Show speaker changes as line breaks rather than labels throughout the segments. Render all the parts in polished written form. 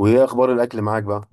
وايه اخبار الاكل معاك بقى؟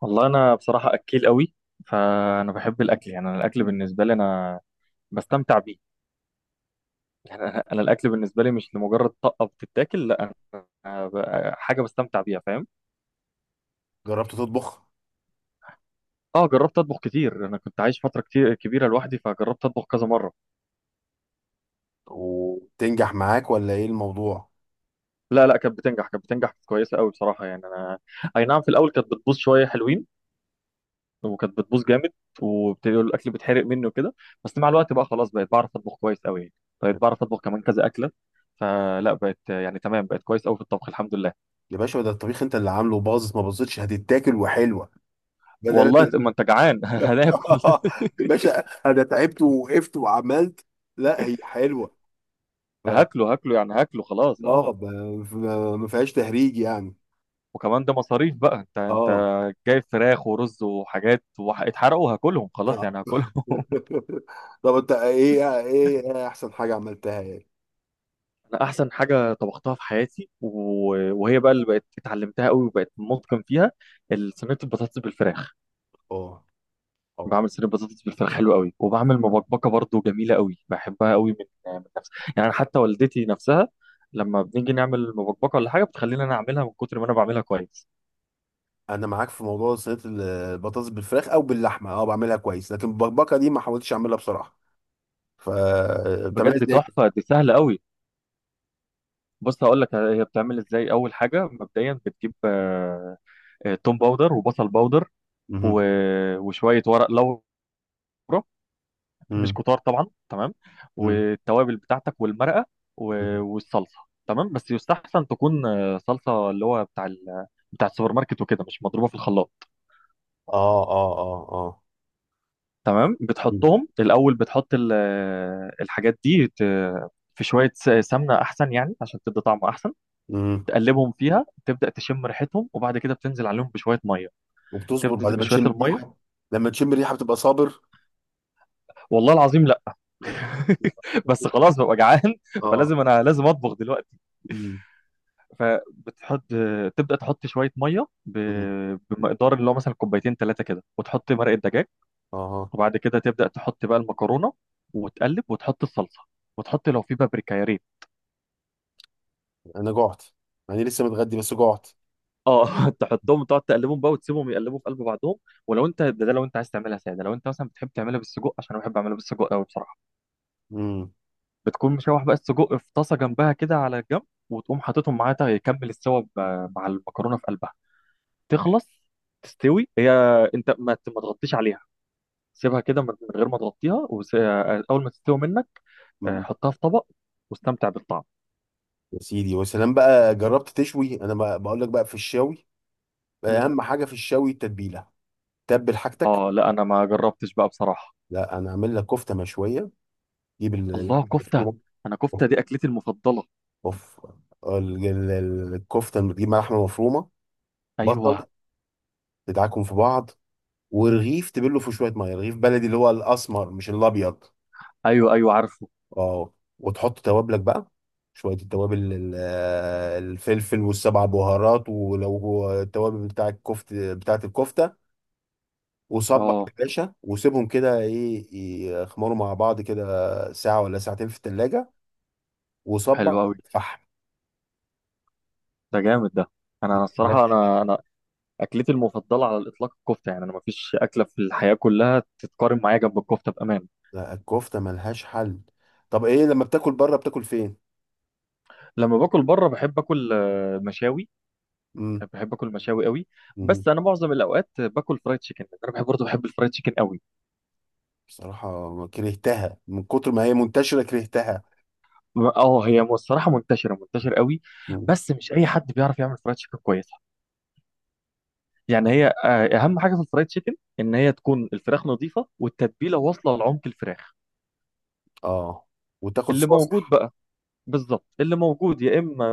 والله انا بصراحه اكيل قوي. فانا بحب الاكل، يعني انا الاكل بالنسبه لي انا بستمتع بيه. يعني انا الاكل بالنسبه لي مش لمجرد طقه بتتاكل، لا. أنا حاجه بستمتع بيها، فاهم؟
جربت تطبخ؟
اه، جربت اطبخ كتير. انا كنت عايش فتره كتير كبيره لوحدي، فجربت اطبخ كذا مره.
وتنجح معاك ولا ايه الموضوع؟
لا لا، كانت بتنجح كويسه قوي بصراحه. يعني انا، اي نعم، في الاول كانت بتبوظ شويه حلوين، وكانت بتبوظ جامد، وبتقول الاكل بيتحرق مني وكده. بس مع الوقت بقى خلاص، بقيت بعرف اطبخ كويس قوي، يعني بقيت بعرف اطبخ كمان كذا اكله. فلا بقت يعني تمام، بقت كويس قوي في الطبخ، الحمد لله.
يا باشا، ده الطبيخ انت اللي عامله، باظت ما باظتش هتتاكل وحلوه.
والله
بدل
طب ما انت جعان
يا
هناكل.
باشا، انا تعبت ووقفت وعملت. لا، هي حلوه. ف...
هاكله هاكله يعني هاكله خلاص،
اه.
اه.
ف- ما فيهاش تهريج يعني.
وكمان ده مصاريف بقى، انت
اه.
جايب فراخ ورز وحاجات واتحرقوا، هاكلهم خلاص يعني، هاكلهم
طب، انت ايه احسن حاجه عملتها؟ ايه؟
انا احسن حاجه طبختها في حياتي وهي بقى اللي بقت اتعلمتها قوي وبقت متقن فيها، صينيه البطاطس بالفراخ.
اه، اه.
بعمل صينيه بطاطس بالفراخ حلو قوي، وبعمل مبكبكه برضو جميله قوي، بحبها قوي من نفسي، يعني أنا حتى والدتي نفسها لما بنيجي نعمل مبكبكه ولا حاجه بتخلينا انا اعملها من كتر ما انا بعملها كويس.
انا معاك في موضوع صينيه البطاطس بالفراخ او باللحمه. اه بعملها كويس. لكن البكبكه دي ما حاولتش اعملها بصراحه. ف بتعملها
بجد
ازاي؟
تحفه، دي سهله قوي. بص، هقول لك هي بتعمل ازاي. اول حاجه مبدئيا بتجيب توم باودر وبصل باودر
مهم.
وشويه ورق لورا، مش
مم.
كتار طبعا، تمام،
مم.
والتوابل بتاعتك والمرقه
مم.
والصلصه. تمام، بس يستحسن تكون صلصه، اللي هو بتاع السوبر ماركت وكده، مش مضروبه في الخلاط.
اه، اه، اه، اه.
تمام،
مم.
بتحطهم الاول، بتحط ال... آه، الحاجات دي في شويه سمنه احسن يعني عشان تدي طعم احسن.
مم.
تقلبهم فيها، تبدا تشم ريحتهم، وبعد كده بتنزل عليهم بشويه ميه.
وبتصبر بعد
تبدا
ما
بشويه
تشم
الميه.
ريحه؟ لما تشم ريحه بتبقى صابر؟
والله العظيم لا بس خلاص ببقى جعان،
اه.
فلازم انا لازم اطبخ دلوقتي.
مم.
فبتحط، تبدا تحط شويه ميه
مم.
بمقدار، اللي هو مثلا كوبايتين ثلاثه كده، وتحط مرقه دجاج.
اه.
وبعد كده تبدا تحط بقى المكرونه، وتقلب وتحط الصلصه، وتحط لو في بابريكا يا ريت.
انا جعت، يعني لسه متغدي بس جعت.
اه تحطهم، تقعد تقلبهم بقى وتسيبهم يقلبوا في قلب بعضهم. ولو انت ده لو انت عايز تعملها ساده، لو انت مثلا بتحب تعملها بالسجق، عشان انا بحب اعملها بالسجق قوي بصراحه،
مم.
بتكون مشوح بقى السجق في طاسه جنبها كده على الجنب، وتقوم حاططهم معاها يكمل السوا مع المكرونه في قلبها. تخلص، تستوي هي. انت ما تغطيش عليها، سيبها كده من غير ما تغطيها اول ما تستوي منك،
مم.
حطها في طبق واستمتع بالطعم.
يا سيدي، وسلام بقى. جربت تشوي؟ انا بقول لك بقى، في الشاوي
مم.
اهم حاجه في الشاوي التتبيله. تبل حاجتك.
اه لا، انا ما جربتش بقى بصراحة.
لا، انا اعمل لك كفته مشويه. جيب
الله،
اللحمه
كفتة.
المفرومه.
انا كفتة دي اكلتي المفضلة.
اوف. الكفته، لما تجيب لحمه مفرومه، بصل،
ايوه
تدعكم في بعض، ورغيف تبله في شويه ميه، رغيف بلدي اللي هو الاسمر مش الابيض.
ايوه ايوه، عارفه.
اه. وتحط توابلك بقى، شويه التوابل الفلفل والسبع بهارات، ولو هو التوابل بتاع الكفته بتاعه الكفته. وصبع
اه،
يا باشا. وسيبهم كده، ايه، يخمروا مع بعض كده ساعه ولا ساعتين في التلاجة. وصبع.
حلو قوي.
فحم.
ده جامد ده. انا الصراحة
لك.
انا اكلتي المفضلة على الاطلاق الكفتة. يعني انا ما فيش اكلة في الحياة كلها تتقارن معايا جنب الكفتة بامان.
ده الكفتة ملهاش حل. طب ايه لما بتاكل بره، بتاكل فين؟
لما باكل بره بحب اكل مشاوي،
مم.
بحب اكل مشاوي قوي.
مم.
بس انا معظم الاوقات باكل فرايد تشيكن، انا بحب برضه بحب الفرايد تشيكن قوي.
بصراحة كرهتها من كتر ما هي منتشرة، كرهتها.
اه، هي الصراحه منتشره منتشره قوي.
مم.
بس مش اي حد بيعرف يعمل فرايد تشيكن كويسه. يعني هي اهم حاجه في الفرايد تشيكن ان هي تكون الفراخ نظيفه والتتبيله واصله لعمق الفراخ.
اه. وتاخد
اللي
صوص.
موجود بقى، بالظبط اللي موجود، يا اما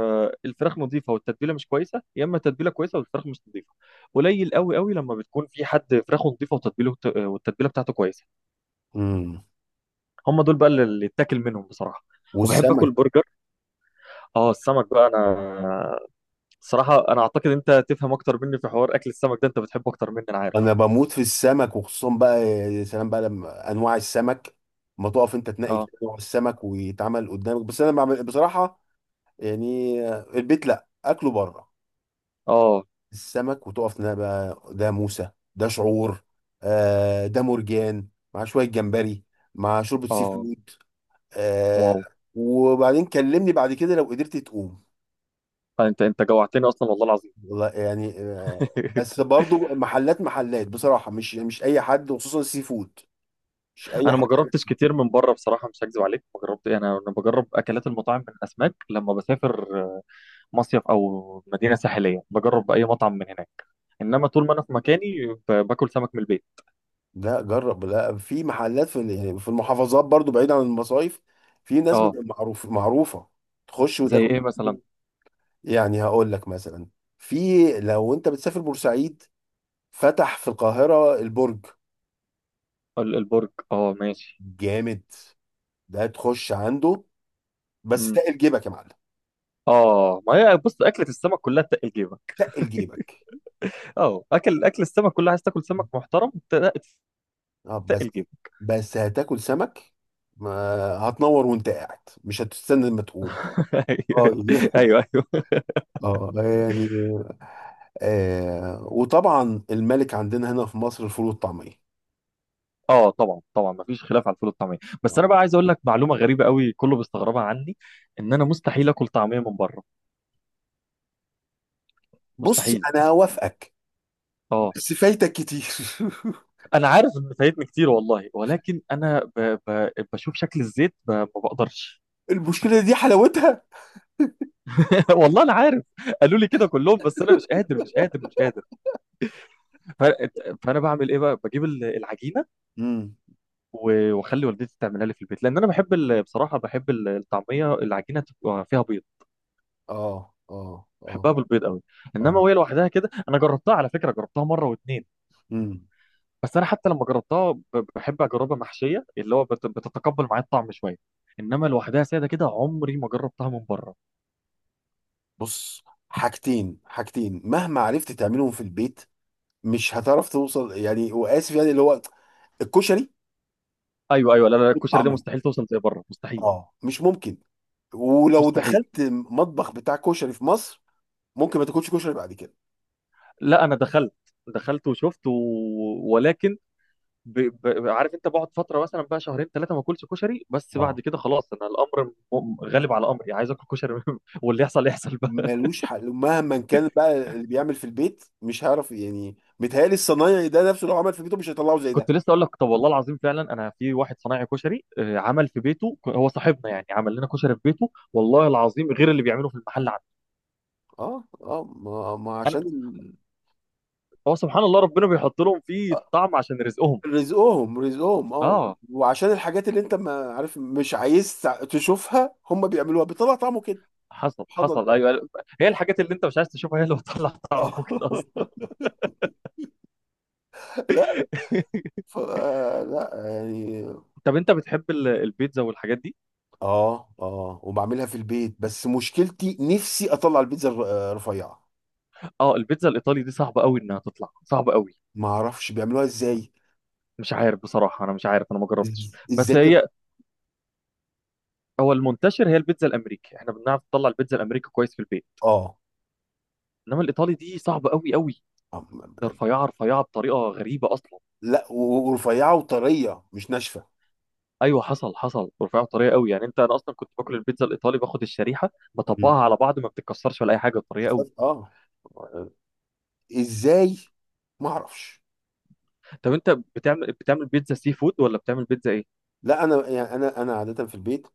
الفراخ نظيفه والتتبيله مش كويسه، يا اما التتبيله كويسه والفراخ مش نظيفه. قليل قوي قوي لما بتكون في حد فراخه نظيفه وتتبيله، والتتبيله بتاعته كويسه.
مم.
هم دول بقى اللي يتاكل منهم بصراحه. وبحب اكل
والسمك؟
برجر. اه، السمك بقى انا الصراحه انا اعتقد انت تفهم اكتر مني في حوار اكل السمك ده، انت بتحبه اكتر مني، انا عارف.
انا بموت في السمك. وخصوصا بقى يا سلام بقى لما انواع السمك، ما تقف انت تنقي
اه
كده نوع السمك ويتعمل قدامك. بس انا بعمل بصراحة يعني البيت، لا اكله بره.
اه
السمك، وتقف بقى، ده موسى، ده شعور، آه، ده مرجان، مع شوية جمبري، مع شوربة سي
اه،
فود. آه.
واو،
وبعدين كلمني بعد كده، لو قدرت تقوم.
انت جوعتني اصلا والله العظيم
والله يعني، بس برضو محلات محلات بصراحة مش أي حد، وخصوصا السي فود. مش أي
انا
حد.
ما جربتش كتير من بره بصراحه، مش هكذب عليك، ما جربت إيه، انا بجرب اكلات المطاعم من الاسماك لما بسافر، مصيف او مدينه ساحليه، بجرب اي مطعم من هناك. انما طول ما انا في مكاني باكل سمك من البيت.
لا جرب. لا، في محلات، في يعني في المحافظات برضو بعيد عن المصايف، في ناس
اه،
بتبقى معروف معروفة، تخش
زي
وتاكل.
ايه مثلا؟
يعني هقول لك مثلا. في، لو انت بتسافر بورسعيد، فتح في القاهرة البرج.
البرج، اه ماشي.
جامد. ده تخش عنده، بس تقل جيبك يا معلم.
اه، ما هي بص، اكله السمك كلها تقل جيبك.
تقل جيبك.
اه، اكل السمك كلها، عايز تاكل سمك محترم
اه، بس
تقل جيبك
بس هتاكل سمك. ما هتنور وانت قاعد، مش هتستنى لما تقوم. اه.
ايوه ايوه أيوه.
اه يعني، وطبعا الملك عندنا هنا في مصر، الفول والطعمية.
اه طبعا طبعا ما فيش خلاف على الفول والطعميه. بس
آه.
انا بقى عايز اقول لك معلومه غريبه قوي كله بيستغربها عني، ان انا مستحيل اكل طعميه من بره.
بص،
مستحيل
انا
مستحيل.
هوافقك.
اه
بس فايتك كتير.
انا عارف ان فايتني كتير والله، ولكن انا بشوف شكل الزيت، ما بقدرش
المشكلة دي حلاوتها.
والله انا عارف، قالوا لي كده كلهم، بس انا مش قادر مش قادر مش قادر. ف... فانا بعمل ايه بقى؟ بجيب العجينه
مم.
واخلي والدتي تعملها لي في البيت، لان انا بحب بصراحه بحب الطعميه العجينه تبقى فيها بيض،
اه، اه، اه،
بحبها بالبيض قوي.
اه.
انما وهي لوحدها كده انا جربتها، على فكره جربتها مره واتنين،
امم.
بس انا حتى لما جربتها بحب اجربها محشيه، اللي هو بتتقبل معايا الطعم شويه، انما لوحدها ساده كده عمري ما جربتها من بره.
بص، حاجتين. حاجتين مهما عرفت تعملهم في البيت مش هتعرف توصل، يعني، واسف، يعني اللي هو الكشري
ايوه ايوه، لا لا لا، الكشري دي
والطعمية.
مستحيل توصل زي بره، مستحيل
اه، مش ممكن. ولو
مستحيل.
دخلت مطبخ بتاع كشري في مصر ممكن ما تاكلش كشري بعد كده.
لا، انا دخلت دخلت وشفت ولكن ب... عارف انت، بقعد فتره مثلا بقى شهرين ثلاثه ما اكلش كشري، بس بعد
اه،
كده خلاص، انا الامر غالب على امري، عايز اكل كشري واللي يحصل يحصل بقى.
ملوش حل. مهما كان بقى اللي بيعمل في البيت مش هيعرف، يعني متهيألي الصنايعي ده نفسه لو عمل في بيته مش هيطلعه زي ده.
كنت لسه اقول لك، طب والله العظيم فعلا انا في واحد صنايعي كشري عمل في بيته، هو صاحبنا يعني عمل لنا كشري في بيته، والله العظيم غير اللي بيعمله في المحل عنده.
اه، اه. ما
انا
عشان
هو سبحان الله ربنا بيحط لهم فيه طعم عشان رزقهم.
رزقهم. رزقهم. اه.
اه،
وعشان الحاجات اللي انت ما عارف مش عايز تشوفها، هم بيعملوها بيطلع طعمه كده.
حصل
سبحان
حصل،
الله.
ايوه. هي الحاجات اللي انت مش عايز تشوفها هي اللي بتطلع طعمه
اه.
كده اصلا
لا. ف... لا، يعني.
طب انت بتحب البيتزا والحاجات دي؟
اه، اه، وبعملها في البيت. بس مشكلتي نفسي اطلع البيتزا رفيعه.
اه، البيتزا الايطالي دي صعبه قوي انها تطلع، صعبه قوي.
ما اعرفش بيعملوها ازاي.
مش عارف بصراحه، انا مش عارف، انا ما جربتش،
ازاي
بس هي هو المنتشر هي البيتزا الامريكي، احنا بنعرف نطلع البيتزا الامريكي كويس في البيت،
اه.
انما الايطالي دي صعبه قوي قوي. ده
آه،
رفيعه رفيعه بطريقه غريبه اصلا.
لا، ورفيعه وطريه، مش ناشفه.
ايوه حصل حصل، رفيعه بطريقه قوي يعني، انا اصلا كنت باكل البيتزا الايطالي، باخد الشريحه
مم.
بطبقها على بعض ما بتتكسرش ولا اي حاجه، بطريقه قوي.
اه. ازاي؟ ما اعرفش.
طب انت بتعمل بيتزا سي فود ولا بتعمل بيتزا ايه؟
لا، انا، يعني، انا عاده في البيت،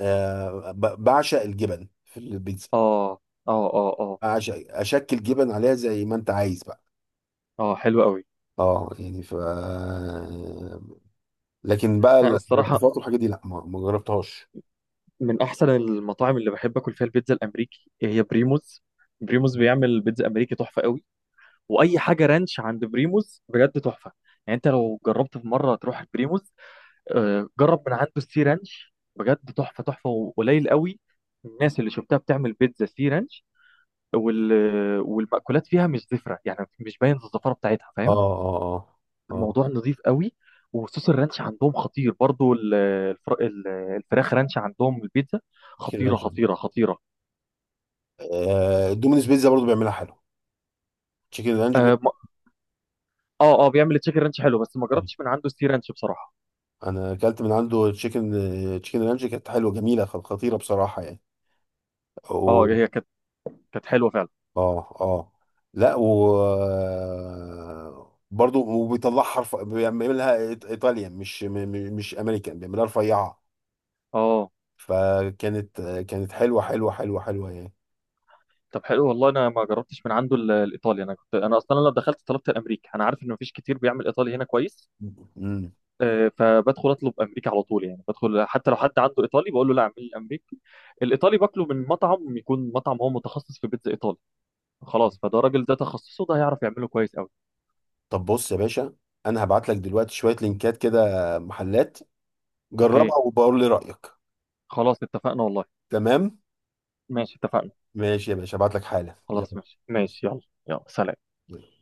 بعشق الجبن في البيتزا.
اه اه اه اه
بعشق اشكل جبن عليها زي ما انت عايز بقى.
اه، حلو قوي.
اه يعني، ف، لكن بقى
انا الصراحه
الاضافات والحاجات دي لا ما جربتهاش.
من احسن المطاعم اللي بحب اكل فيها البيتزا الامريكي هي بريموز. بريموز بيعمل بيتزا امريكي تحفه قوي، واي حاجه رانش عند بريموز بجد تحفه. يعني انت لو جربت في مره تروح بريموز، جرب من عنده السي رانش، بجد تحفه تحفه، وقليل قوي الناس اللي شفتها بتعمل بيتزا سي رانش. وال... والمأكولات فيها مش زفره، يعني مش باين الزفاره بتاعتها،
اه،
فاهم؟
اه، اه، اه.
الموضوع نظيف قوي. وصوص الرانش عندهم خطير برضو. الفراخ رانش عندهم، البيتزا
تشيكن
خطيره
رانش.
خطيره خطيره.
آه، دومينيز بيتزا برضو بيعملها حلو. تشيكن رانش
اه اه، بيعمل تشيكن رانش حلو، بس ما
آه.
جربتش من عنده ستير رانش بصراحه.
انا اكلت من عنده تشيكن. تشيكن رانش كانت حلوه جميله، خطيره بصراحه
اه،
يعني.
هي كانت حلوه فعلا.
اه، اه، لا، و برضه وبيطلع حرف بيعملها ايطاليا، مش مش امريكان بيعملها رفيعه.
اه،
فكانت حلوه حلوه حلوه حلوه يعني.
طب حلو، والله انا ما جربتش من عنده الايطالي. انا اصلا لما دخلت طلبت الامريكي، انا عارف ان مفيش كتير بيعمل ايطالي هنا كويس.
امم.
فبدخل اطلب امريكي على طول، يعني بدخل حتى لو حد عنده ايطالي بقول له لا، اعمل لي الامريكي. الايطالي باكله من مطعم، يكون مطعم هو متخصص في بيتزا ايطالي، خلاص فده راجل ده تخصصه، ده هيعرف يعمله كويس قوي.
طب بص يا باشا، انا هبعت لك دلوقتي شويه لينكات كده محلات.
اوكي،
جربها وبقول لي رايك.
خلاص اتفقنا والله.
تمام.
ماشي اتفقنا،
ماشي يا باشا، هبعت لك حالا.
خلاص ماشي ماشي، يلا. يلا سلام.
يلا.